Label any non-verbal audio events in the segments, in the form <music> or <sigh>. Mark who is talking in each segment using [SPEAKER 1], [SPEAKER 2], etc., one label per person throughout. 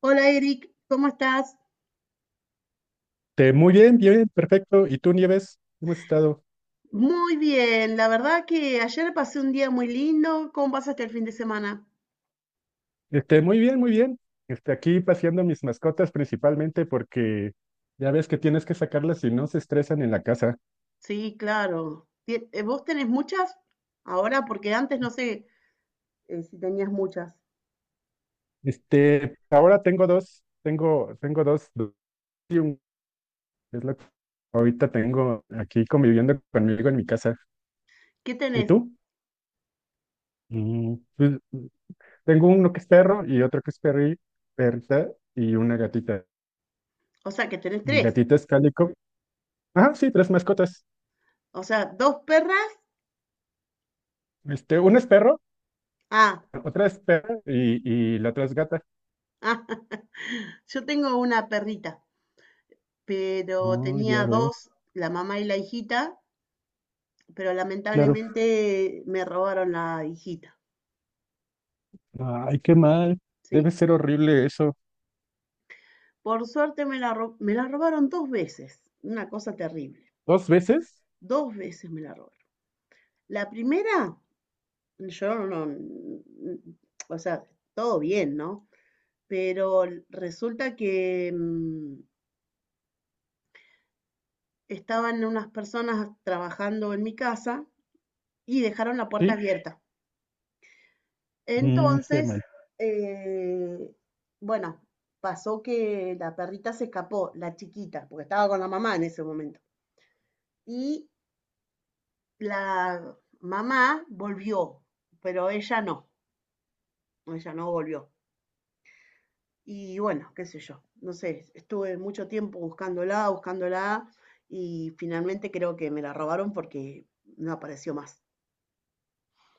[SPEAKER 1] Hola Eric, ¿cómo estás?
[SPEAKER 2] Muy bien, perfecto. ¿Y tú, Nieves? ¿Cómo has estado?
[SPEAKER 1] Muy bien, la verdad que ayer pasé un día muy lindo. ¿Cómo pasaste el fin de semana?
[SPEAKER 2] Muy bien, muy bien. Aquí paseando mis mascotas principalmente porque ya ves que tienes que sacarlas si no se estresan en la casa.
[SPEAKER 1] Sí, claro. ¿Vos tenés muchas ahora? Porque antes no sé si tenías muchas.
[SPEAKER 2] Ahora tengo dos, tengo dos, dos y un, es lo que ahorita tengo aquí conviviendo conmigo en mi casa.
[SPEAKER 1] ¿Qué
[SPEAKER 2] ¿Y
[SPEAKER 1] tenés?
[SPEAKER 2] tú? Pues, tengo uno que es perro y otro que es perrita y una gatita.
[SPEAKER 1] O sea, que tenés
[SPEAKER 2] Mi
[SPEAKER 1] tres.
[SPEAKER 2] gatita es cálico. Ah, sí, tres mascotas.
[SPEAKER 1] O sea, dos perras.
[SPEAKER 2] Uno es perro.
[SPEAKER 1] Ah,
[SPEAKER 2] Otra es perra y la otra es gata.
[SPEAKER 1] ah, <laughs> yo tengo una perrita, pero
[SPEAKER 2] Oh, ya
[SPEAKER 1] tenía
[SPEAKER 2] veo.
[SPEAKER 1] dos, la mamá y la hijita, pero
[SPEAKER 2] Claro.
[SPEAKER 1] lamentablemente me robaron la hijita.
[SPEAKER 2] Ay, qué mal. Debe
[SPEAKER 1] Sí.
[SPEAKER 2] ser horrible eso.
[SPEAKER 1] Por suerte me la robaron 2 veces, una cosa terrible.
[SPEAKER 2] ¿Dos veces?
[SPEAKER 1] Dos veces me la robaron. La primera, yo no, o sea, todo bien, ¿no? Pero resulta que estaban unas personas trabajando en mi casa y dejaron la puerta
[SPEAKER 2] Sí.
[SPEAKER 1] abierta.
[SPEAKER 2] Qué
[SPEAKER 1] Entonces,
[SPEAKER 2] mal.
[SPEAKER 1] eh, bueno, pasó que la perrita se escapó, la chiquita, porque estaba con la mamá en ese momento. Y la mamá volvió, pero ella no volvió. Y bueno, qué sé yo, no sé, estuve mucho tiempo buscándola, buscándola y finalmente creo que me la robaron porque no apareció más.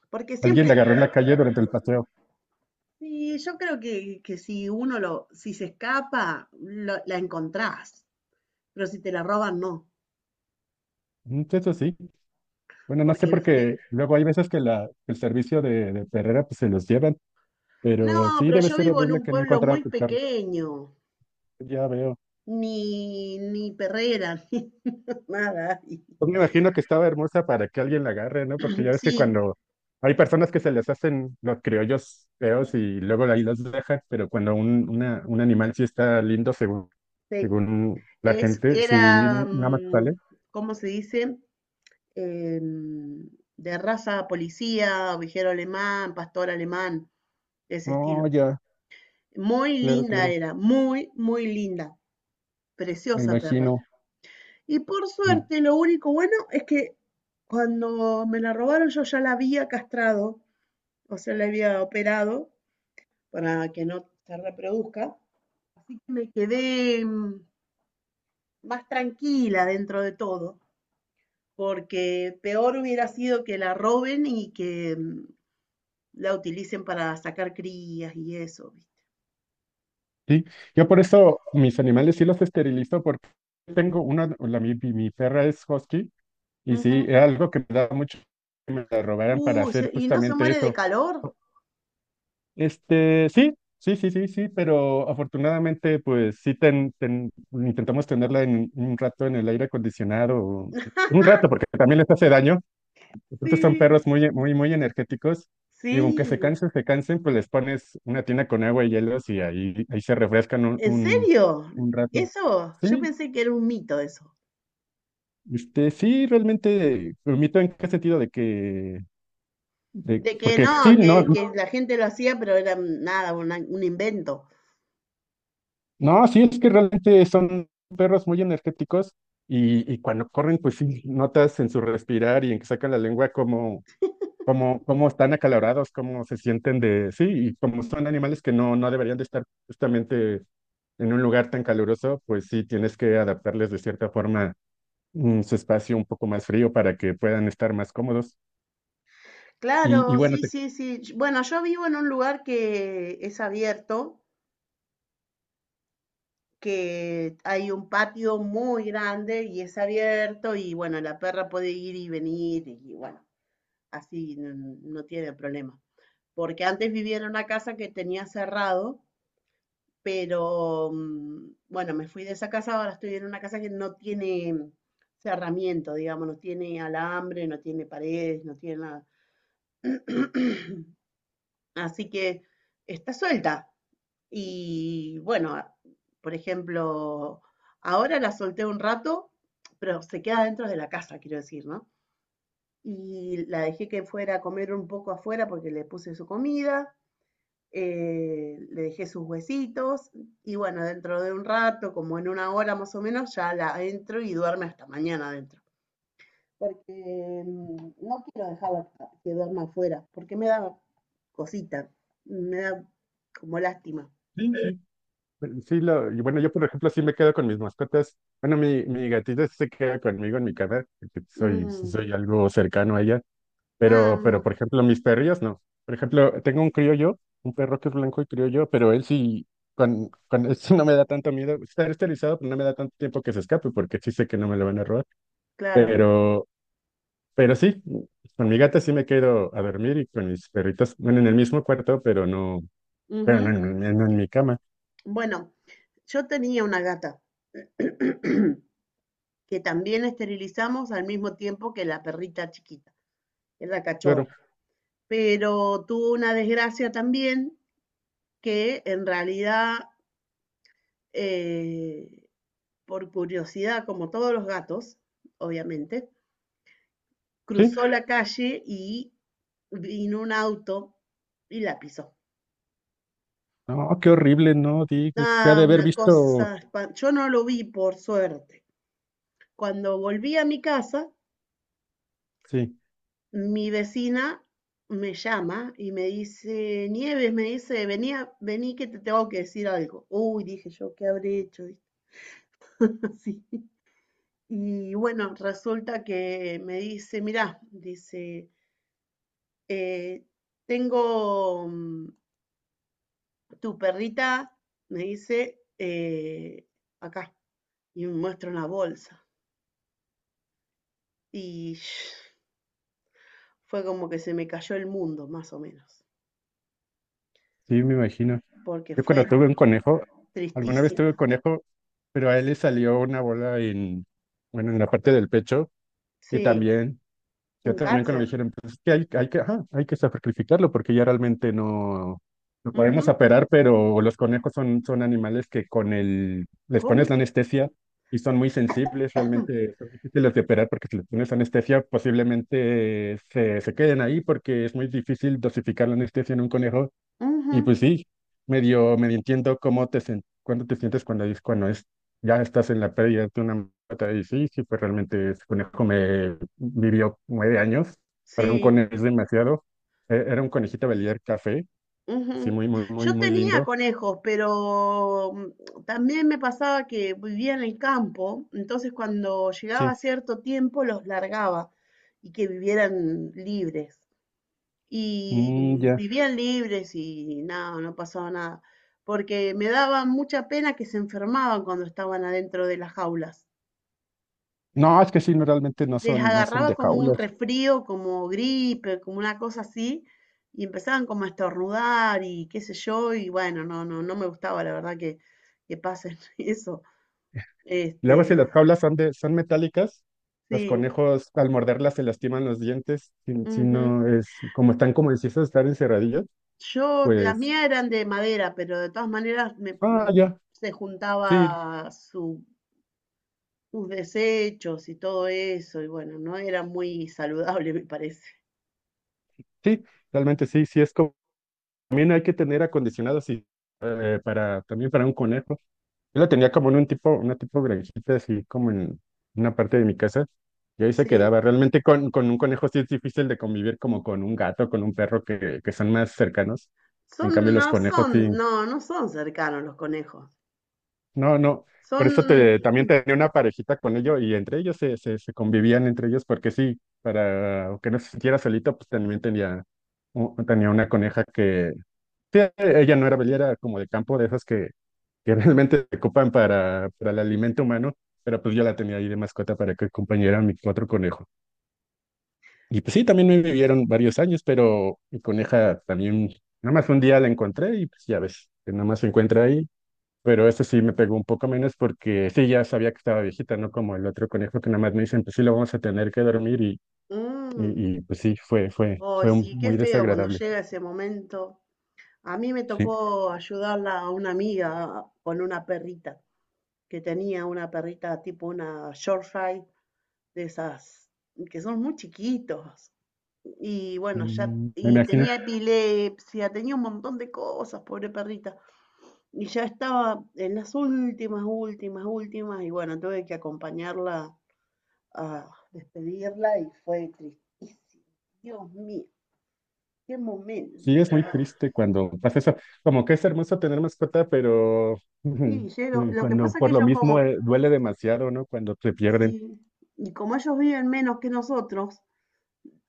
[SPEAKER 1] Porque
[SPEAKER 2] Alguien
[SPEAKER 1] siempre,
[SPEAKER 2] la agarró en la calle durante el paseo.
[SPEAKER 1] sí, yo creo que si uno lo, si se escapa, la encontrás, pero si te la roban, no.
[SPEAKER 2] Pues, eso sí. Bueno, no sé
[SPEAKER 1] Porque, viste,
[SPEAKER 2] porque luego hay veces que el servicio de perrera pues se los llevan, pero
[SPEAKER 1] no,
[SPEAKER 2] sí
[SPEAKER 1] pero
[SPEAKER 2] debe
[SPEAKER 1] yo
[SPEAKER 2] ser
[SPEAKER 1] vivo en
[SPEAKER 2] horrible
[SPEAKER 1] un
[SPEAKER 2] que no
[SPEAKER 1] pueblo
[SPEAKER 2] encontraran
[SPEAKER 1] muy
[SPEAKER 2] tu perro.
[SPEAKER 1] pequeño,
[SPEAKER 2] Ya veo.
[SPEAKER 1] ni perrera, <laughs> ni nada.
[SPEAKER 2] Pues me imagino que estaba hermosa para que alguien la agarre, ¿no? Porque ya ves que
[SPEAKER 1] Sí,
[SPEAKER 2] cuando hay personas que se les hacen los criollos feos y luego ahí los dejan, pero cuando un animal sí está lindo según,
[SPEAKER 1] sí,
[SPEAKER 2] según la
[SPEAKER 1] es,
[SPEAKER 2] gente, sí,
[SPEAKER 1] era,
[SPEAKER 2] nada más sale.
[SPEAKER 1] ¿cómo se dice? Em, de raza policía, ovejero alemán, pastor alemán, de ese estilo.
[SPEAKER 2] Oh, ya,
[SPEAKER 1] Muy
[SPEAKER 2] claro,
[SPEAKER 1] linda
[SPEAKER 2] claro,
[SPEAKER 1] era, muy, muy linda,
[SPEAKER 2] me
[SPEAKER 1] preciosa perra.
[SPEAKER 2] imagino.
[SPEAKER 1] Y por
[SPEAKER 2] Mm,
[SPEAKER 1] suerte, lo único bueno es que cuando me la robaron yo ya la había castrado, o sea, la había operado para que no se reproduzca. Así que me quedé más tranquila dentro de todo. Porque peor hubiera sido que la roben y que la utilicen para sacar crías y eso, ¿viste?
[SPEAKER 2] sí, yo por eso mis animales sí los esterilizo porque tengo una, la, mi, mi mi perra es husky y sí,
[SPEAKER 1] Ujú.
[SPEAKER 2] era algo que me daba mucho que me la robaran para hacer
[SPEAKER 1] ¿Y no se
[SPEAKER 2] justamente
[SPEAKER 1] muere de
[SPEAKER 2] eso.
[SPEAKER 1] calor?
[SPEAKER 2] Sí, sí, sí, sí, sí, pero afortunadamente, pues sí, intentamos tenerla en un rato en el aire acondicionado, un rato, porque también les hace daño. Estos son
[SPEAKER 1] Sí.
[SPEAKER 2] perros muy, muy, muy energéticos y aunque
[SPEAKER 1] Sí,
[SPEAKER 2] se cansen, pues les pones una tina con agua y hielos y ahí se refrescan un,
[SPEAKER 1] ¿en
[SPEAKER 2] un,
[SPEAKER 1] serio?
[SPEAKER 2] un rato.
[SPEAKER 1] Eso, yo
[SPEAKER 2] Sí,
[SPEAKER 1] pensé que era un mito eso,
[SPEAKER 2] sí, realmente, permito en qué sentido de que,
[SPEAKER 1] de que
[SPEAKER 2] porque
[SPEAKER 1] no,
[SPEAKER 2] sí, no.
[SPEAKER 1] que la gente lo hacía, pero era nada, una- un invento.
[SPEAKER 2] No, sí, es que realmente son perros muy energéticos y cuando corren, pues sí, notas en su respirar y en que sacan la lengua cómo están acalorados, cómo se sienten de, sí, y como son animales que no deberían de estar justamente en un lugar tan caluroso, pues sí, tienes que adaptarles de cierta forma su espacio un poco más frío para que puedan estar más cómodos. Y
[SPEAKER 1] Claro,
[SPEAKER 2] bueno,
[SPEAKER 1] sí, sí, sí. Bueno, yo vivo en un lugar que es abierto que hay un patio muy grande y es abierto y bueno, la perra puede ir y venir y bueno, así no tiene problema. Porque antes vivía en una casa que tenía cerrado, pero bueno, me fui de esa casa, ahora estoy en una casa que no tiene cerramiento, digamos, no tiene alambre, no tiene paredes, no tiene nada. <clears throat> Así que está suelta. Y bueno, por ejemplo, ahora la solté un rato, pero se queda dentro de la casa, quiero decir, ¿no? Y la dejé que fuera a comer un poco afuera porque le puse su comida, le dejé sus huesitos y bueno, dentro de un rato, como en una hora más o menos, ya la entro y duerme hasta mañana adentro. Porque no quiero dejarla que duerma afuera, porque me da cosita, me da como lástima.
[SPEAKER 2] sí, sí. Sí, y bueno, yo por ejemplo sí me quedo con mis mascotas. Bueno, mi gatita sí se queda conmigo en mi cama, porque soy, sí
[SPEAKER 1] Mm,
[SPEAKER 2] soy algo cercano a ella, pero
[SPEAKER 1] ah,
[SPEAKER 2] por ejemplo mis perrillos no. Por ejemplo, tengo un criollo, un perro que es blanco y criollo, pero él sí, con él sí no me da tanto miedo. Está esterilizado, pero no me da tanto tiempo que se escape, porque sí sé que no me lo van a robar.
[SPEAKER 1] claro.
[SPEAKER 2] Pero, pero sí, con mi gata sí me quedo a dormir y con mis perritos, bueno, en el mismo cuarto, pero no, pero
[SPEAKER 1] Ujú.
[SPEAKER 2] no en mi cama,
[SPEAKER 1] Bueno, yo tenía una gata que también esterilizamos al mismo tiempo que la perrita chiquita, que es la
[SPEAKER 2] claro.
[SPEAKER 1] cachorra. Pero tuvo una desgracia también que en realidad, eh, por curiosidad, como todos los gatos, obviamente,
[SPEAKER 2] Sí.
[SPEAKER 1] cruzó la calle y vino un auto y la pisó.
[SPEAKER 2] No, qué horrible, no, Dick. Se ha
[SPEAKER 1] Ah,
[SPEAKER 2] de haber
[SPEAKER 1] una
[SPEAKER 2] visto.
[SPEAKER 1] cosa, yo no lo vi por suerte. Cuando volví a mi casa,
[SPEAKER 2] Sí,
[SPEAKER 1] mi vecina me llama y me dice, Nieves, me dice, venía, vení que te tengo que decir algo. Uy, dije yo, ¿qué habré hecho? <laughs> ¿Viste? Y bueno, resulta que me dice, mirá, dice, "eh, tengo tu perrita, me dice, acá, y me muestra una bolsa. Y <sniffs> fue como que se me cayó el mundo, más o menos,
[SPEAKER 2] sí, me imagino.
[SPEAKER 1] porque
[SPEAKER 2] Yo
[SPEAKER 1] fue
[SPEAKER 2] cuando tuve un conejo, alguna vez
[SPEAKER 1] tristísimo.
[SPEAKER 2] tuve un conejo, pero a él le salió una bola en, bueno, en la parte del pecho. Y
[SPEAKER 1] Sí,
[SPEAKER 2] también Yo
[SPEAKER 1] un
[SPEAKER 2] también cuando me
[SPEAKER 1] cáncer.
[SPEAKER 2] dijeron, pues es que hay que, ajá, hay que sacrificarlo porque ya realmente no lo podemos
[SPEAKER 1] Ujú,
[SPEAKER 2] operar, pero los conejos son animales que les
[SPEAKER 1] ¿cómo?
[SPEAKER 2] pones la anestesia y son muy sensibles, realmente son difíciles de operar porque si les pones anestesia posiblemente se queden ahí porque es muy difícil dosificar la anestesia en un conejo
[SPEAKER 1] Ujú,
[SPEAKER 2] y pues sí, medio, medio entiendo cuándo te sientes cuando dices cuando es, ya estás en la pérdida de una mata y sí, sí, pues realmente ese conejo me vivió 9 años, para un
[SPEAKER 1] sí,
[SPEAKER 2] conejo es demasiado. Era un conejito belier café, sí,
[SPEAKER 1] ujú.
[SPEAKER 2] muy, muy, muy,
[SPEAKER 1] Yo
[SPEAKER 2] muy
[SPEAKER 1] tenía
[SPEAKER 2] lindo,
[SPEAKER 1] conejos, pero también me pasaba que vivía en el campo, entonces cuando llegaba
[SPEAKER 2] sí,
[SPEAKER 1] cierto tiempo los largaba y que vivieran libres. Y
[SPEAKER 2] mm, ya,
[SPEAKER 1] vivían libres y nada, no pasaba nada, porque me daba mucha pena que se enfermaban cuando estaban adentro de las jaulas.
[SPEAKER 2] no, es que sí, no, realmente no
[SPEAKER 1] Les
[SPEAKER 2] son, no son
[SPEAKER 1] agarraba
[SPEAKER 2] de
[SPEAKER 1] como un
[SPEAKER 2] jaulas,
[SPEAKER 1] resfrío, como gripe, como una cosa así, y empezaban como a estornudar y qué sé yo, y bueno, no, no, no me gustaba la verdad que pasen <laughs> eso.
[SPEAKER 2] luego
[SPEAKER 1] Este,
[SPEAKER 2] si las jaulas son son metálicas, los
[SPEAKER 1] sí.
[SPEAKER 2] conejos al morderlas se lastiman los dientes, si
[SPEAKER 1] Ujú.
[SPEAKER 2] no es, como están como si estar encerradillos,
[SPEAKER 1] Yo, las
[SPEAKER 2] pues
[SPEAKER 1] mías eran de madera, pero de todas maneras
[SPEAKER 2] ah, ya,
[SPEAKER 1] se
[SPEAKER 2] sí,
[SPEAKER 1] juntaba sus desechos y todo eso, y bueno, no era muy saludable, <laughs> me parece.
[SPEAKER 2] sí, realmente sí, sí es como, también hay que tener acondicionado así, también para un conejo. Yo la tenía como en una tipo granjita así como en una parte de mi casa, y ahí se
[SPEAKER 1] Sí,
[SPEAKER 2] quedaba. Realmente con un conejo sí es difícil de convivir como con un gato, con un perro que son más cercanos. En cambio los conejos sí,
[SPEAKER 1] son, no, no son cercanos los conejos.
[SPEAKER 2] no, no, por
[SPEAKER 1] Son.
[SPEAKER 2] eso también tenía una parejita con ellos y entre ellos se convivían entre ellos porque sí, para que no se sintiera solito, pues también tenía una coneja que, sí, ella no era bella, era como de campo, de esas que <laughs> realmente se ocupan para el alimento humano, pero pues yo la tenía ahí de mascota para que acompañara a mi otro conejo. Y pues sí, también me vivieron varios años, pero mi coneja también, nada más un día la encontré y pues ya ves, que nada más se encuentra ahí pero ese sí me pegó un poco menos porque sí, ya sabía que estaba viejita, ¿no? Como el otro conejo que nada más me dicen, pues sí, lo vamos a tener que dormir y,
[SPEAKER 1] Mm,
[SPEAKER 2] y, y, pues sí, fue, fue,
[SPEAKER 1] ay,
[SPEAKER 2] fue
[SPEAKER 1] sí,
[SPEAKER 2] un-
[SPEAKER 1] qué
[SPEAKER 2] muy
[SPEAKER 1] feo cuando
[SPEAKER 2] desagradable.
[SPEAKER 1] llega ese momento. A mí me
[SPEAKER 2] Sí,
[SPEAKER 1] tocó ayudarla a una amiga con una perrita, que tenía una perrita tipo una Yorkshire, de esas que son muy chiquitos. Y bueno, ya,
[SPEAKER 2] Me
[SPEAKER 1] y
[SPEAKER 2] imagino.
[SPEAKER 1] tenía epilepsia, tenía un montón de cosas, pobre perrita. Y ya estaba en las últimas, últimas, últimas, y bueno, tuve que acompañarla a despedirla y fue tristísimo. Dios mío. Qué momento.
[SPEAKER 2] Sí, es muy triste cuando pasa eso. Como que es hermoso tener mascota, pero
[SPEAKER 1] Sí, Yero,
[SPEAKER 2] <laughs>
[SPEAKER 1] lo que
[SPEAKER 2] cuando
[SPEAKER 1] pasa es que
[SPEAKER 2] por lo
[SPEAKER 1] ellos
[SPEAKER 2] mismo
[SPEAKER 1] como,
[SPEAKER 2] duele demasiado, ¿no? Cuando se pierden.
[SPEAKER 1] sí, y como ellos viven menos que nosotros,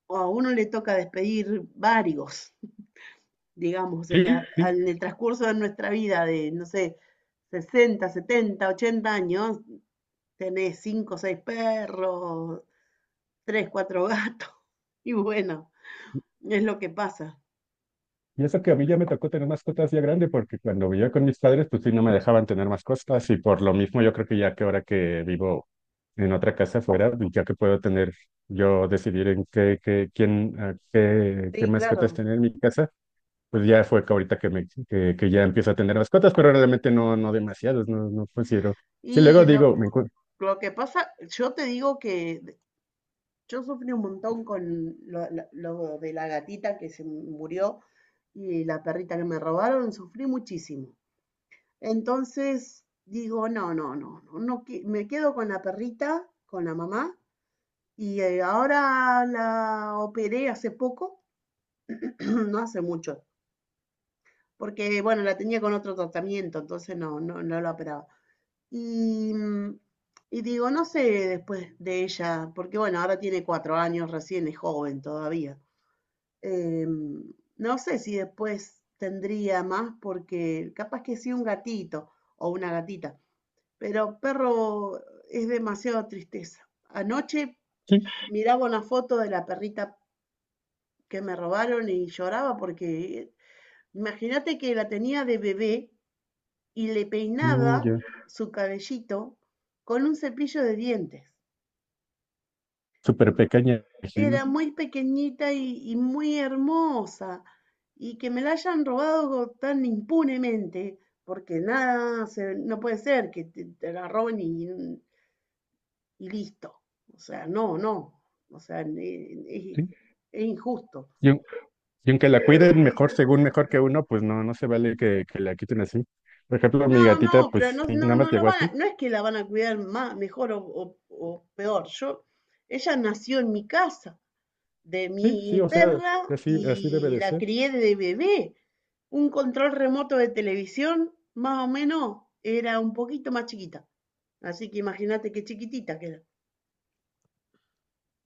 [SPEAKER 1] o a uno le toca despedir varios, <laughs> digamos, en,
[SPEAKER 2] Sí,
[SPEAKER 1] la-
[SPEAKER 2] sí.
[SPEAKER 1] al- en el transcurso de nuestra vida de, no sé, 60, 70, 80 años, tenés 5, 6 perros, 3 4 gatos, <laughs> y bueno, es lo que pasa.
[SPEAKER 2] Y eso que a mí ya me tocó tener mascotas ya grande, porque cuando vivía con mis padres, pues sí, no me dejaban tener mascotas. Y por lo mismo, yo creo que ya que ahora que vivo en otra casa fuera, ya que puedo tener, yo decidir en qué, quién, ah, qué
[SPEAKER 1] Sí,
[SPEAKER 2] mascotas
[SPEAKER 1] claro.
[SPEAKER 2] tener en mi casa, pues ya fue que ahorita que, que ya empiezo a tener mascotas, pero realmente no demasiados, no considero. Sí,
[SPEAKER 1] Y
[SPEAKER 2] luego
[SPEAKER 1] lo,
[SPEAKER 2] digo, me encuentro,
[SPEAKER 1] lo que pasa, yo te digo que yo sufrí un montón con lo, lo de la gatita que se murió y la perrita que me robaron, sufrí muchísimo. Entonces digo, no, no, no, no, no, me quedo con la perrita, con la mamá, y ahora la operé hace poco, <clears throat> no hace mucho, porque bueno, la tenía con otro tratamiento, entonces no la operaba. Y, mm, y digo, no sé después de ella, porque bueno, ahora tiene 4 años, recién es joven todavía. Eh, no sé si después tendría más, porque capaz que sí un gatito o una gatita, pero perro es demasiada tristeza. Anoche
[SPEAKER 2] sí,
[SPEAKER 1] miraba una foto de la perrita que me robaron y lloraba porque imagínate que la tenía de bebé y le peinaba
[SPEAKER 2] mm, ya,
[SPEAKER 1] su cabellito con un cepillo de dientes.
[SPEAKER 2] súper pequeña, imagino,
[SPEAKER 1] Era muy pequeñita y muy hermosa, y que me la hayan robado tan impunemente, porque nada, no puede ser que te la roben y listo. O sea, no, no, o sea,
[SPEAKER 2] sí.
[SPEAKER 1] es, es, injusto.
[SPEAKER 2] Y Y aunque la cuiden mejor, según mejor que uno, pues no, no se vale que la quiten así. Por ejemplo, mi
[SPEAKER 1] No, no,
[SPEAKER 2] gatita,
[SPEAKER 1] pero
[SPEAKER 2] pues
[SPEAKER 1] no,
[SPEAKER 2] sí,
[SPEAKER 1] no,
[SPEAKER 2] nada más
[SPEAKER 1] no
[SPEAKER 2] llegó así.
[SPEAKER 1] no es que la van a cuidar más, mejor o, o peor. Yo, ella nació en mi casa, de
[SPEAKER 2] Sí, sí,
[SPEAKER 1] mi
[SPEAKER 2] o sea,
[SPEAKER 1] perra
[SPEAKER 2] así, así debe
[SPEAKER 1] y
[SPEAKER 2] de
[SPEAKER 1] la
[SPEAKER 2] ser.
[SPEAKER 1] crié de bebé. Un control remoto de televisión, más o menos, era un poquito más chiquita. Así que imagínate qué chiquitita que era.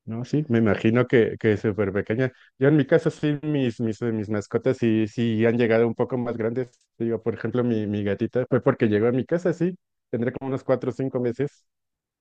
[SPEAKER 2] No, sí, me imagino que es súper pequeña. Yo en mi caso, sí, mis mascotas sí, sí han llegado un poco más grandes. Digo, por ejemplo, mi gatita fue porque llegó a mi casa, sí, tendré como unos 4 o 5 meses.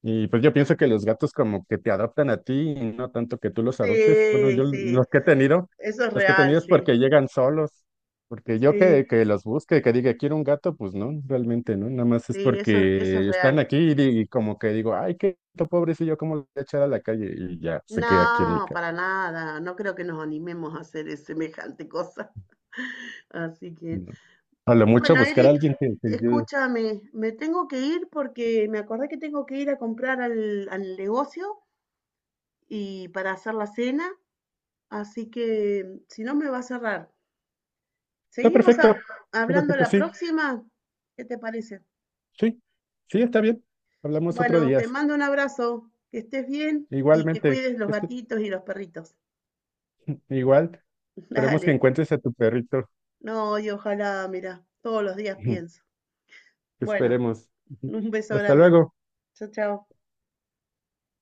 [SPEAKER 2] Y pues yo pienso que los gatos como que te adoptan a ti y no tanto que tú los adoptes. Bueno,
[SPEAKER 1] Sí,
[SPEAKER 2] yo
[SPEAKER 1] sí,
[SPEAKER 2] los que he tenido,
[SPEAKER 1] eso es
[SPEAKER 2] los que he
[SPEAKER 1] real,
[SPEAKER 2] tenido es
[SPEAKER 1] sí.
[SPEAKER 2] porque llegan solos, porque yo
[SPEAKER 1] Sí,
[SPEAKER 2] que los busque, que diga quiero un gato, pues no, realmente no, nada más es
[SPEAKER 1] sí, eso es
[SPEAKER 2] porque están
[SPEAKER 1] real.
[SPEAKER 2] aquí y como que digo, ay, qué gato pobrecillo, ¿cómo lo voy a echar a la calle? Y ya se queda aquí en mi
[SPEAKER 1] No,
[SPEAKER 2] casa.
[SPEAKER 1] para nada. No creo que nos animemos a hacer semejante cosa. <laughs> Así que,
[SPEAKER 2] No. A lo mucho
[SPEAKER 1] bueno,
[SPEAKER 2] buscar a
[SPEAKER 1] Eric,
[SPEAKER 2] alguien que te ayude.
[SPEAKER 1] escúchame, me tengo que ir porque me acordé que tengo que ir a comprar al, al negocio y para hacer la cena, así que si no me va a cerrar.
[SPEAKER 2] Está
[SPEAKER 1] Seguimos
[SPEAKER 2] perfecto,
[SPEAKER 1] a-
[SPEAKER 2] está
[SPEAKER 1] hablando
[SPEAKER 2] perfecto,
[SPEAKER 1] la
[SPEAKER 2] sí,
[SPEAKER 1] próxima. ¿Qué te parece?
[SPEAKER 2] sí, sí, está bien. Hablamos otro
[SPEAKER 1] Bueno,
[SPEAKER 2] día.
[SPEAKER 1] te mando un abrazo, que estés bien y que
[SPEAKER 2] Igualmente,
[SPEAKER 1] cuides los gatitos y los perritos.
[SPEAKER 2] igual.
[SPEAKER 1] <laughs>
[SPEAKER 2] Esperemos que
[SPEAKER 1] Dale.
[SPEAKER 2] encuentres a tu perrito.
[SPEAKER 1] No, y ojalá, mira, todos los días pienso.
[SPEAKER 2] <laughs>
[SPEAKER 1] Bueno,
[SPEAKER 2] Esperemos. <laughs>
[SPEAKER 1] un beso
[SPEAKER 2] Hasta
[SPEAKER 1] grande.
[SPEAKER 2] luego.
[SPEAKER 1] Chao, chao.